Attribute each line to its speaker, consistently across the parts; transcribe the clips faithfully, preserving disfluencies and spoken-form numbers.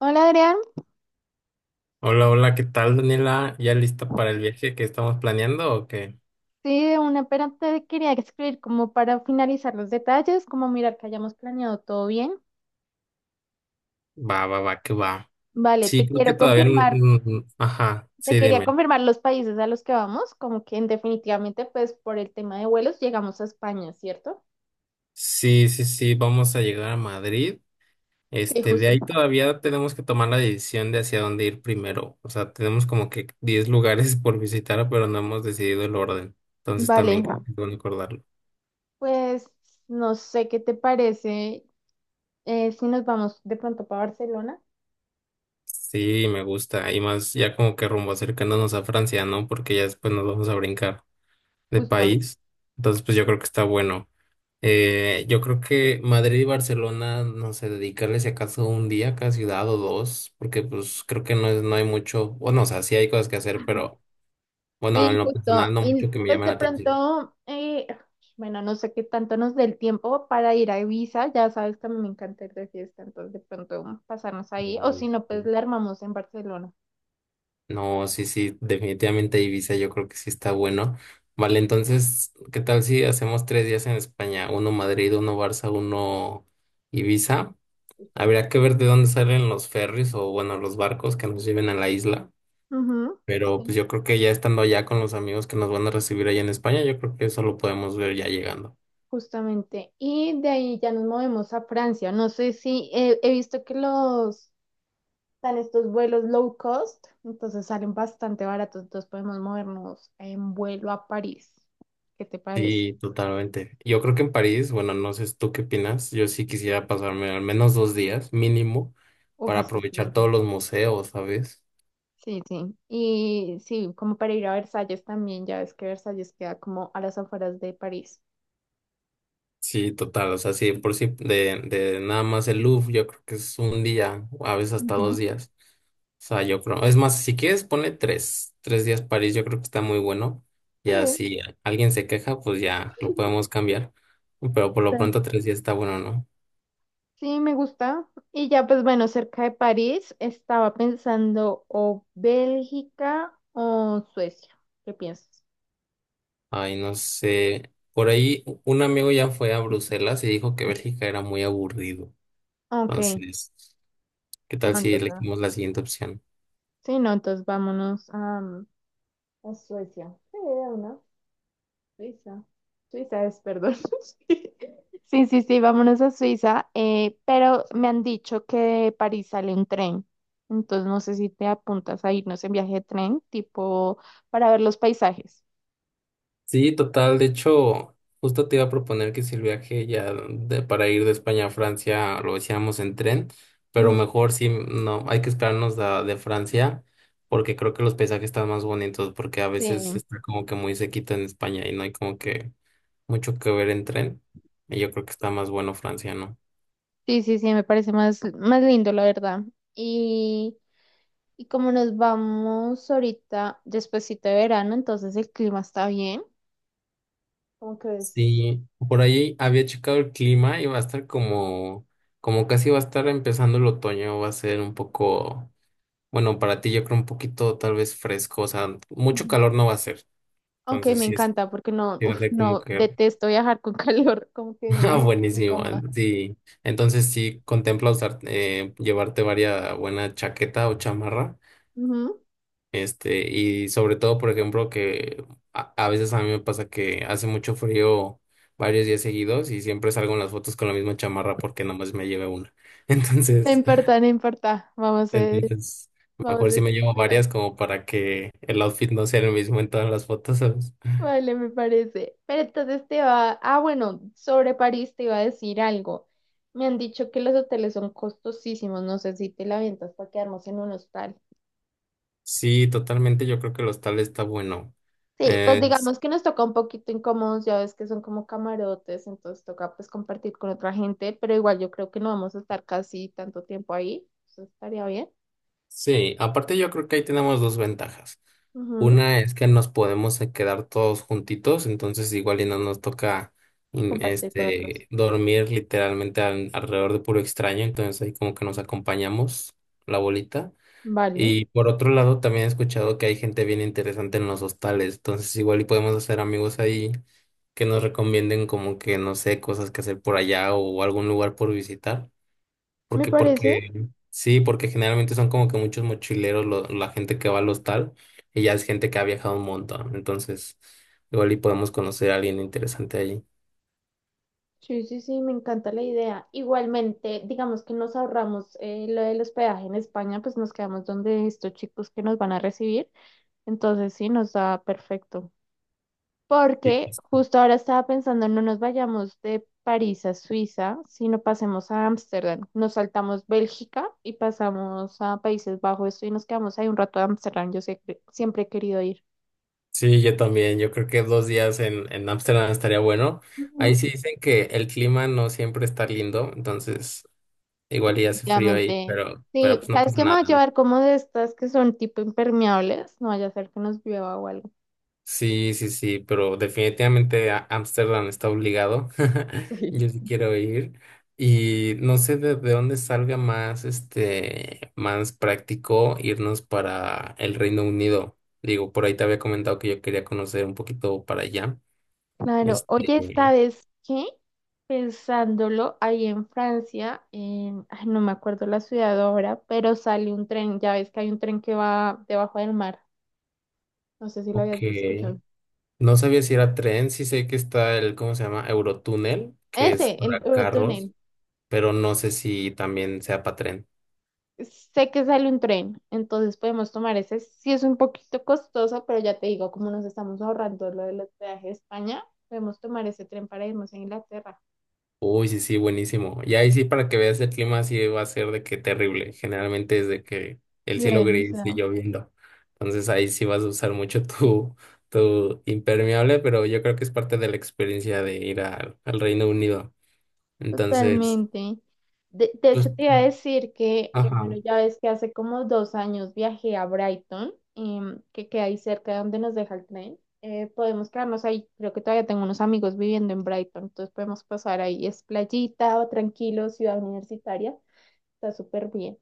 Speaker 1: Hola Adrián,
Speaker 2: Hola, hola, ¿qué tal, Daniela? ¿Ya lista para el viaje que estamos planeando o qué?
Speaker 1: sí, de una, pero te quería escribir como para finalizar los detalles, como mirar que hayamos planeado todo bien.
Speaker 2: Va, va, va, que va.
Speaker 1: Vale,
Speaker 2: Sí,
Speaker 1: te
Speaker 2: creo que
Speaker 1: quiero
Speaker 2: todavía... n-
Speaker 1: confirmar,
Speaker 2: n- Ajá,
Speaker 1: te
Speaker 2: sí,
Speaker 1: quería
Speaker 2: dime.
Speaker 1: confirmar los países a los que vamos, como que definitivamente pues por el tema de vuelos llegamos a España, ¿cierto?
Speaker 2: Sí, sí, sí, vamos a llegar a Madrid.
Speaker 1: Sí,
Speaker 2: Este, de
Speaker 1: justo.
Speaker 2: ahí todavía tenemos que tomar la decisión de hacia dónde ir primero. O sea, tenemos como que diez lugares por visitar, pero no hemos decidido el orden. Entonces
Speaker 1: Vale,
Speaker 2: también creo que es bueno acordarlo.
Speaker 1: pues no sé qué te parece, eh, si nos vamos de pronto para Barcelona,
Speaker 2: Sí, me gusta. Y más ya como que rumbo acercándonos a Francia, ¿no? Porque ya después nos vamos a brincar de
Speaker 1: justo.
Speaker 2: país. Entonces, pues yo creo que está bueno. Eh, yo creo que Madrid y Barcelona, no sé, dedicarles si acaso un día a cada ciudad o dos, porque pues creo que no es, no hay mucho, bueno, o sea, sí hay cosas que hacer, pero bueno, en
Speaker 1: Sí,
Speaker 2: lo personal
Speaker 1: justo.
Speaker 2: no
Speaker 1: Y
Speaker 2: mucho que me
Speaker 1: pues
Speaker 2: llame la
Speaker 1: de
Speaker 2: atención.
Speaker 1: pronto, eh, bueno, no sé qué tanto nos dé el tiempo para ir a Ibiza. Ya sabes que a mí me encanta ir de fiesta, entonces de pronto pasarnos ahí. O si no, pues la armamos en Barcelona.
Speaker 2: No, sí, sí, definitivamente Ibiza yo creo que sí está bueno. Vale, entonces, ¿qué tal si hacemos tres días en España? Uno Madrid, uno Barça, uno Ibiza.
Speaker 1: Justo.
Speaker 2: Habría que ver de dónde salen los ferries o, bueno, los barcos que nos lleven a la isla.
Speaker 1: Ujú,
Speaker 2: Pero
Speaker 1: sí,
Speaker 2: pues yo creo que ya estando allá con los amigos que nos van a recibir allá en España, yo creo que eso lo podemos ver ya llegando.
Speaker 1: justamente. Y de ahí ya nos movemos a Francia. No sé si eh, he visto que los están estos vuelos low cost, entonces salen bastante baratos. Entonces podemos movernos en vuelo a París. ¿Qué te parece?
Speaker 2: Sí, totalmente. Yo creo que en París, bueno, no sé tú qué opinas, yo sí quisiera pasarme al menos dos días mínimo
Speaker 1: Uf,
Speaker 2: para
Speaker 1: es que es
Speaker 2: aprovechar
Speaker 1: gigante.
Speaker 2: todos los museos, ¿sabes?
Speaker 1: Sí, sí. Y sí, como para ir a Versalles también, ya ves que Versalles queda como a las afueras de París.
Speaker 2: Sí, total, o sea, sí, por sí, de, de nada más el Louvre, yo creo que es un día, o a veces hasta dos
Speaker 1: Ujú.
Speaker 2: días. O sea, yo creo, es más, si quieres, ponle tres, tres días París, yo creo que está muy bueno.
Speaker 1: Sí,
Speaker 2: Ya si alguien se queja, pues ya lo podemos cambiar. Pero por lo
Speaker 1: sí,
Speaker 2: pronto tres días está bueno, ¿no?
Speaker 1: sí, me gusta. Y ya, pues bueno, cerca de París estaba pensando o Bélgica o Suecia. ¿Qué piensas?
Speaker 2: Ay, no sé. Por ahí u- un amigo ya fue a Bruselas y dijo que Bélgica era muy aburrido.
Speaker 1: Ok,
Speaker 2: Entonces, ¿qué
Speaker 1: no,
Speaker 2: tal si
Speaker 1: entonces,
Speaker 2: elegimos la siguiente opción?
Speaker 1: sí, no, entonces vámonos a, a Suecia. Sí, de una. Suiza. Suiza es, perdón. Sí, sí, sí, vámonos a Suiza, eh, pero me han dicho que de París sale un tren, entonces no sé si te apuntas a irnos en viaje de tren, tipo para ver los paisajes.
Speaker 2: Sí, total. De hecho, justo te iba a proponer que si el viaje ya de- para ir de España a Francia lo hiciéramos en tren, pero
Speaker 1: Ujú.
Speaker 2: mejor sí, no, hay que esperarnos la de Francia porque creo que los paisajes están más bonitos porque a veces
Speaker 1: Sí,
Speaker 2: está como que muy sequito en España y no hay como que mucho que ver en tren. Y yo creo que está más bueno Francia, ¿no?
Speaker 1: sí, sí, sí, me parece más, más lindo, la verdad. Y, y como nos vamos ahorita, despuesito de verano, entonces el clima está bien, como que es...
Speaker 2: Sí, por ahí había checado el clima y va a estar como, como casi va a estar empezando el otoño, va a ser un poco... Bueno, para ti yo creo un poquito tal vez fresco, o sea, mucho calor no va a ser.
Speaker 1: Ok,
Speaker 2: Entonces
Speaker 1: me
Speaker 2: sí, es,
Speaker 1: encanta porque no,
Speaker 2: sí va a
Speaker 1: uf,
Speaker 2: ser como
Speaker 1: no,
Speaker 2: que...
Speaker 1: detesto viajar con calor, como que
Speaker 2: Ah,
Speaker 1: me siento
Speaker 2: buenísimo. eh,
Speaker 1: incómoda.
Speaker 2: Sí. Entonces sí contempla usar, eh, llevarte varias buena chaqueta o chamarra.
Speaker 1: Ujú.
Speaker 2: Este, y sobre todo, por ejemplo, que a, a veces a mí me pasa que hace mucho frío varios días seguidos y siempre salgo en las fotos con la misma chamarra porque nomás me lleve una.
Speaker 1: No
Speaker 2: Entonces,
Speaker 1: importa, no importa, vamos a,
Speaker 2: entonces...
Speaker 1: vamos a
Speaker 2: Mejor si me llevo
Speaker 1: disfrutar.
Speaker 2: varias como para que el outfit no sea el mismo en todas las fotos, ¿sabes?
Speaker 1: Vale, me parece. Pero entonces te va, ah, bueno, sobre París te iba a decir algo. Me han dicho que los hoteles son costosísimos, no sé si te la avientas para quedarnos en un hostal.
Speaker 2: Sí, totalmente. Yo creo que el hostal está bueno.
Speaker 1: Sí, pues
Speaker 2: Es-
Speaker 1: digamos que nos toca un poquito incómodos, ya ves que son como camarotes, entonces toca pues compartir con otra gente, pero igual yo creo que no vamos a estar casi tanto tiempo ahí, eso estaría bien.
Speaker 2: sí, aparte yo creo que ahí tenemos dos ventajas.
Speaker 1: Ujú,
Speaker 2: Una es que nos podemos eh, quedar todos juntitos, entonces igual y no nos toca in-
Speaker 1: compartir con otros.
Speaker 2: este, dormir literalmente al- alrededor de puro extraño, entonces ahí como que nos acompañamos la bolita.
Speaker 1: Vale,
Speaker 2: Y por otro lado, también he escuchado que hay gente bien interesante en los hostales, entonces igual y podemos hacer amigos ahí que nos recomienden como que, no sé, cosas que hacer por allá o algún lugar por visitar.
Speaker 1: me
Speaker 2: Porque,
Speaker 1: parece.
Speaker 2: porque, sí, porque generalmente son como que muchos mochileros lo- la gente que va al hostal y ya es gente que ha viajado un montón, entonces igual y podemos conocer a alguien interesante allí.
Speaker 1: Sí, sí, sí, me encanta la idea. Igualmente, digamos que nos ahorramos eh, lo del hospedaje en España, pues nos quedamos donde estos chicos que nos van a recibir, entonces sí, nos da perfecto. Porque
Speaker 2: Sí,
Speaker 1: justo ahora estaba pensando, no nos vayamos de París a Suiza, sino pasemos a Ámsterdam. Nos saltamos Bélgica y pasamos a Países Bajos, esto y nos quedamos ahí un rato de Ámsterdam. Yo sé que siempre he querido ir.
Speaker 2: Sí, yo también, yo creo que dos días en, en, Ámsterdam estaría bueno. Ahí
Speaker 1: Ujú.
Speaker 2: sí dicen que el clima no siempre está lindo, entonces Igual y hace frío ahí,
Speaker 1: Definitivamente.
Speaker 2: pero, pero
Speaker 1: Sí,
Speaker 2: pues no
Speaker 1: ¿sabes
Speaker 2: pasa
Speaker 1: qué me va a
Speaker 2: nada, ¿no?
Speaker 1: llevar como de estas que son tipo impermeables? No vaya a ser que nos llueva o algo.
Speaker 2: Sí, sí, sí, pero definitivamente a- Ámsterdam está obligado.
Speaker 1: Sí.
Speaker 2: Yo sí quiero ir. Y no sé de, de dónde salga más, este, más práctico irnos para el Reino Unido. Digo, por ahí te había comentado que yo quería conocer un poquito para allá.
Speaker 1: Claro, oye,
Speaker 2: Este,
Speaker 1: ¿sabes qué? Pensándolo, ahí en Francia, en- ay, no me acuerdo la ciudad ahora, pero sale un tren, ya ves que hay un tren que va debajo del mar, no sé si lo habías escuchado.
Speaker 2: ok. No sabía si era tren, sí sé que está el, ¿cómo se llama? Eurotúnel, que es
Speaker 1: Ese,
Speaker 2: para
Speaker 1: el
Speaker 2: carros,
Speaker 1: Eurotúnel.
Speaker 2: pero no sé si también sea para tren.
Speaker 1: Sé que sale un tren, entonces podemos tomar ese. Sí es un poquito costoso, pero ya te digo, como nos estamos ahorrando lo del hospedaje de España, podemos tomar ese tren para irnos a Inglaterra.
Speaker 2: Uy, sí, sí, buenísimo. Y ahí sí, para que veas el clima, sí va a ser de que terrible. Generalmente es de que el cielo
Speaker 1: Llueve.
Speaker 2: gris y lloviendo. Entonces ahí sí vas a usar mucho tu, tu, impermeable, pero yo creo que es parte de la experiencia de ir al, al Reino Unido. Entonces,
Speaker 1: Totalmente. De, de
Speaker 2: pues,
Speaker 1: hecho, te iba a decir que, bueno,
Speaker 2: ajá.
Speaker 1: ya ves que hace como dos años viajé a Brighton, em, que queda ahí cerca de donde nos deja el tren. Eh, podemos quedarnos ahí. Creo que todavía tengo unos amigos viviendo en Brighton, entonces podemos pasar ahí. Es playita, tranquilo, ciudad universitaria. Está súper bien.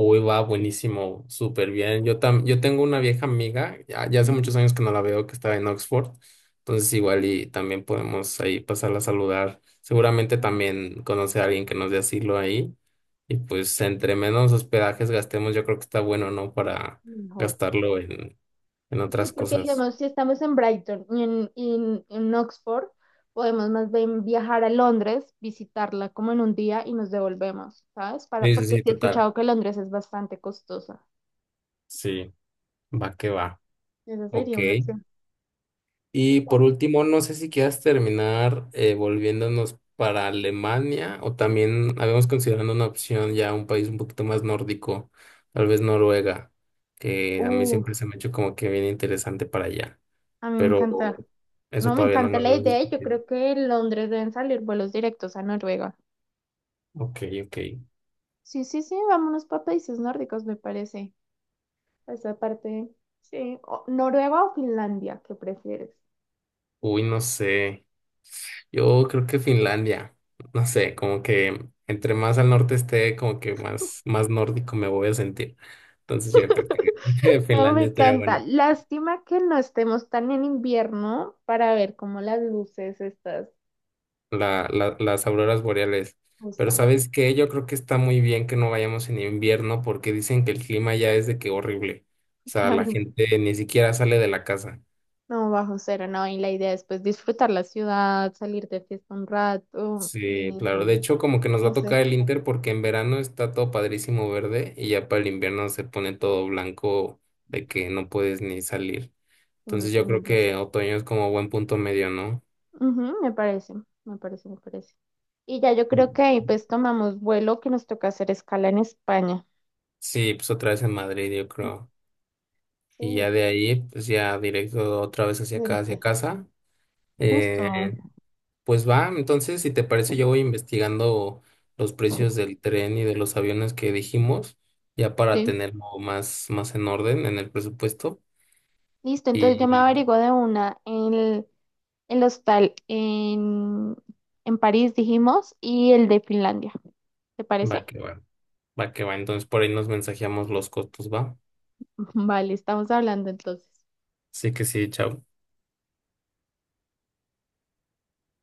Speaker 2: Uy, va buenísimo, súper bien. Yo tam- yo tengo una vieja amiga, ya, ya hace
Speaker 1: Ujú.
Speaker 2: muchos años que no la veo, que estaba en Oxford, entonces igual y también podemos ahí pasarla a saludar. Seguramente también conoce a alguien que nos dé asilo ahí. Y pues entre menos hospedajes gastemos, yo creo que está bueno, ¿no? Para
Speaker 1: Mejor.
Speaker 2: gastarlo en, en
Speaker 1: Sí,
Speaker 2: otras
Speaker 1: porque
Speaker 2: cosas.
Speaker 1: digamos, si estamos en Brighton y en, y en, en Oxford, podemos más bien viajar a Londres, visitarla como en un día y nos devolvemos, ¿sabes? Para,
Speaker 2: Sí, sí,
Speaker 1: porque
Speaker 2: sí,
Speaker 1: sí he
Speaker 2: total.
Speaker 1: escuchado que Londres es bastante costosa.
Speaker 2: Sí, va que va.
Speaker 1: Esa
Speaker 2: Ok.
Speaker 1: sería una opción.
Speaker 2: Y por último, no sé si quieras terminar eh, volviéndonos para Alemania o también habíamos considerado una opción ya un país un poquito más nórdico, tal vez Noruega, que a mí siempre
Speaker 1: Uf,
Speaker 2: se me ha hecho como que bien interesante para allá,
Speaker 1: a mí me
Speaker 2: pero
Speaker 1: encanta.
Speaker 2: eso
Speaker 1: No, me
Speaker 2: todavía no
Speaker 1: encanta
Speaker 2: lo
Speaker 1: la
Speaker 2: habíamos
Speaker 1: idea y yo
Speaker 2: discutido.
Speaker 1: creo que en Londres deben salir vuelos directos a Noruega.
Speaker 2: Ok, ok.
Speaker 1: Sí, sí, sí, vámonos para países nórdicos, me parece. Esa parte, sí. O- Noruega o Finlandia, ¿qué prefieres?
Speaker 2: Uy, no sé. Yo creo que Finlandia, no sé, como que entre más al norte esté, como que más, más nórdico me voy a sentir. Entonces yo creo que
Speaker 1: No, me
Speaker 2: Finlandia estaría
Speaker 1: encanta.
Speaker 2: bueno.
Speaker 1: Lástima que no estemos tan en invierno para ver cómo las luces estas
Speaker 2: la- la- las auroras boreales. Pero
Speaker 1: gustan.
Speaker 2: ¿sabes qué? Yo creo que está muy bien que no vayamos en invierno porque dicen que el clima ya es de que horrible. O sea, la
Speaker 1: Claro,
Speaker 2: gente ni siquiera sale de la casa.
Speaker 1: no, bajo cero, no. Y la idea es pues disfrutar la ciudad, salir de fiesta un rato,
Speaker 2: Sí,
Speaker 1: eh,
Speaker 2: claro. De hecho, como que nos va
Speaker 1: no
Speaker 2: a tocar
Speaker 1: sé,
Speaker 2: el Inter porque en verano está todo padrísimo verde y ya para el invierno se pone todo blanco de que no puedes ni salir.
Speaker 1: eh,
Speaker 2: Entonces yo creo
Speaker 1: tenerlas.
Speaker 2: que otoño es como buen punto medio, ¿no?
Speaker 1: Ujú, me parece, me parece, me parece. Y ya yo
Speaker 2: Mm.
Speaker 1: creo que ahí pues tomamos vuelo que nos toca hacer escala en España.
Speaker 2: Sí, pues otra vez en Madrid, yo creo. Y ya
Speaker 1: Sí,
Speaker 2: de ahí, pues ya directo otra vez hacia
Speaker 1: del
Speaker 2: acá, hacia
Speaker 1: este.
Speaker 2: casa. Eh,
Speaker 1: Justo.
Speaker 2: pues va, entonces, si te parece, yo voy investigando los precios del tren y de los aviones que dijimos, ya para
Speaker 1: Sí.
Speaker 2: tenerlo más, más en orden en el presupuesto.
Speaker 1: Listo, entonces yo me
Speaker 2: Y
Speaker 1: averiguo de una el el hostal en, en París, dijimos, y el de Finlandia. ¿Te
Speaker 2: va
Speaker 1: parece?
Speaker 2: que va, va que va. Entonces, por ahí nos mensajeamos los costos, va.
Speaker 1: Vale, estamos hablando entonces.
Speaker 2: Así que sí, chao.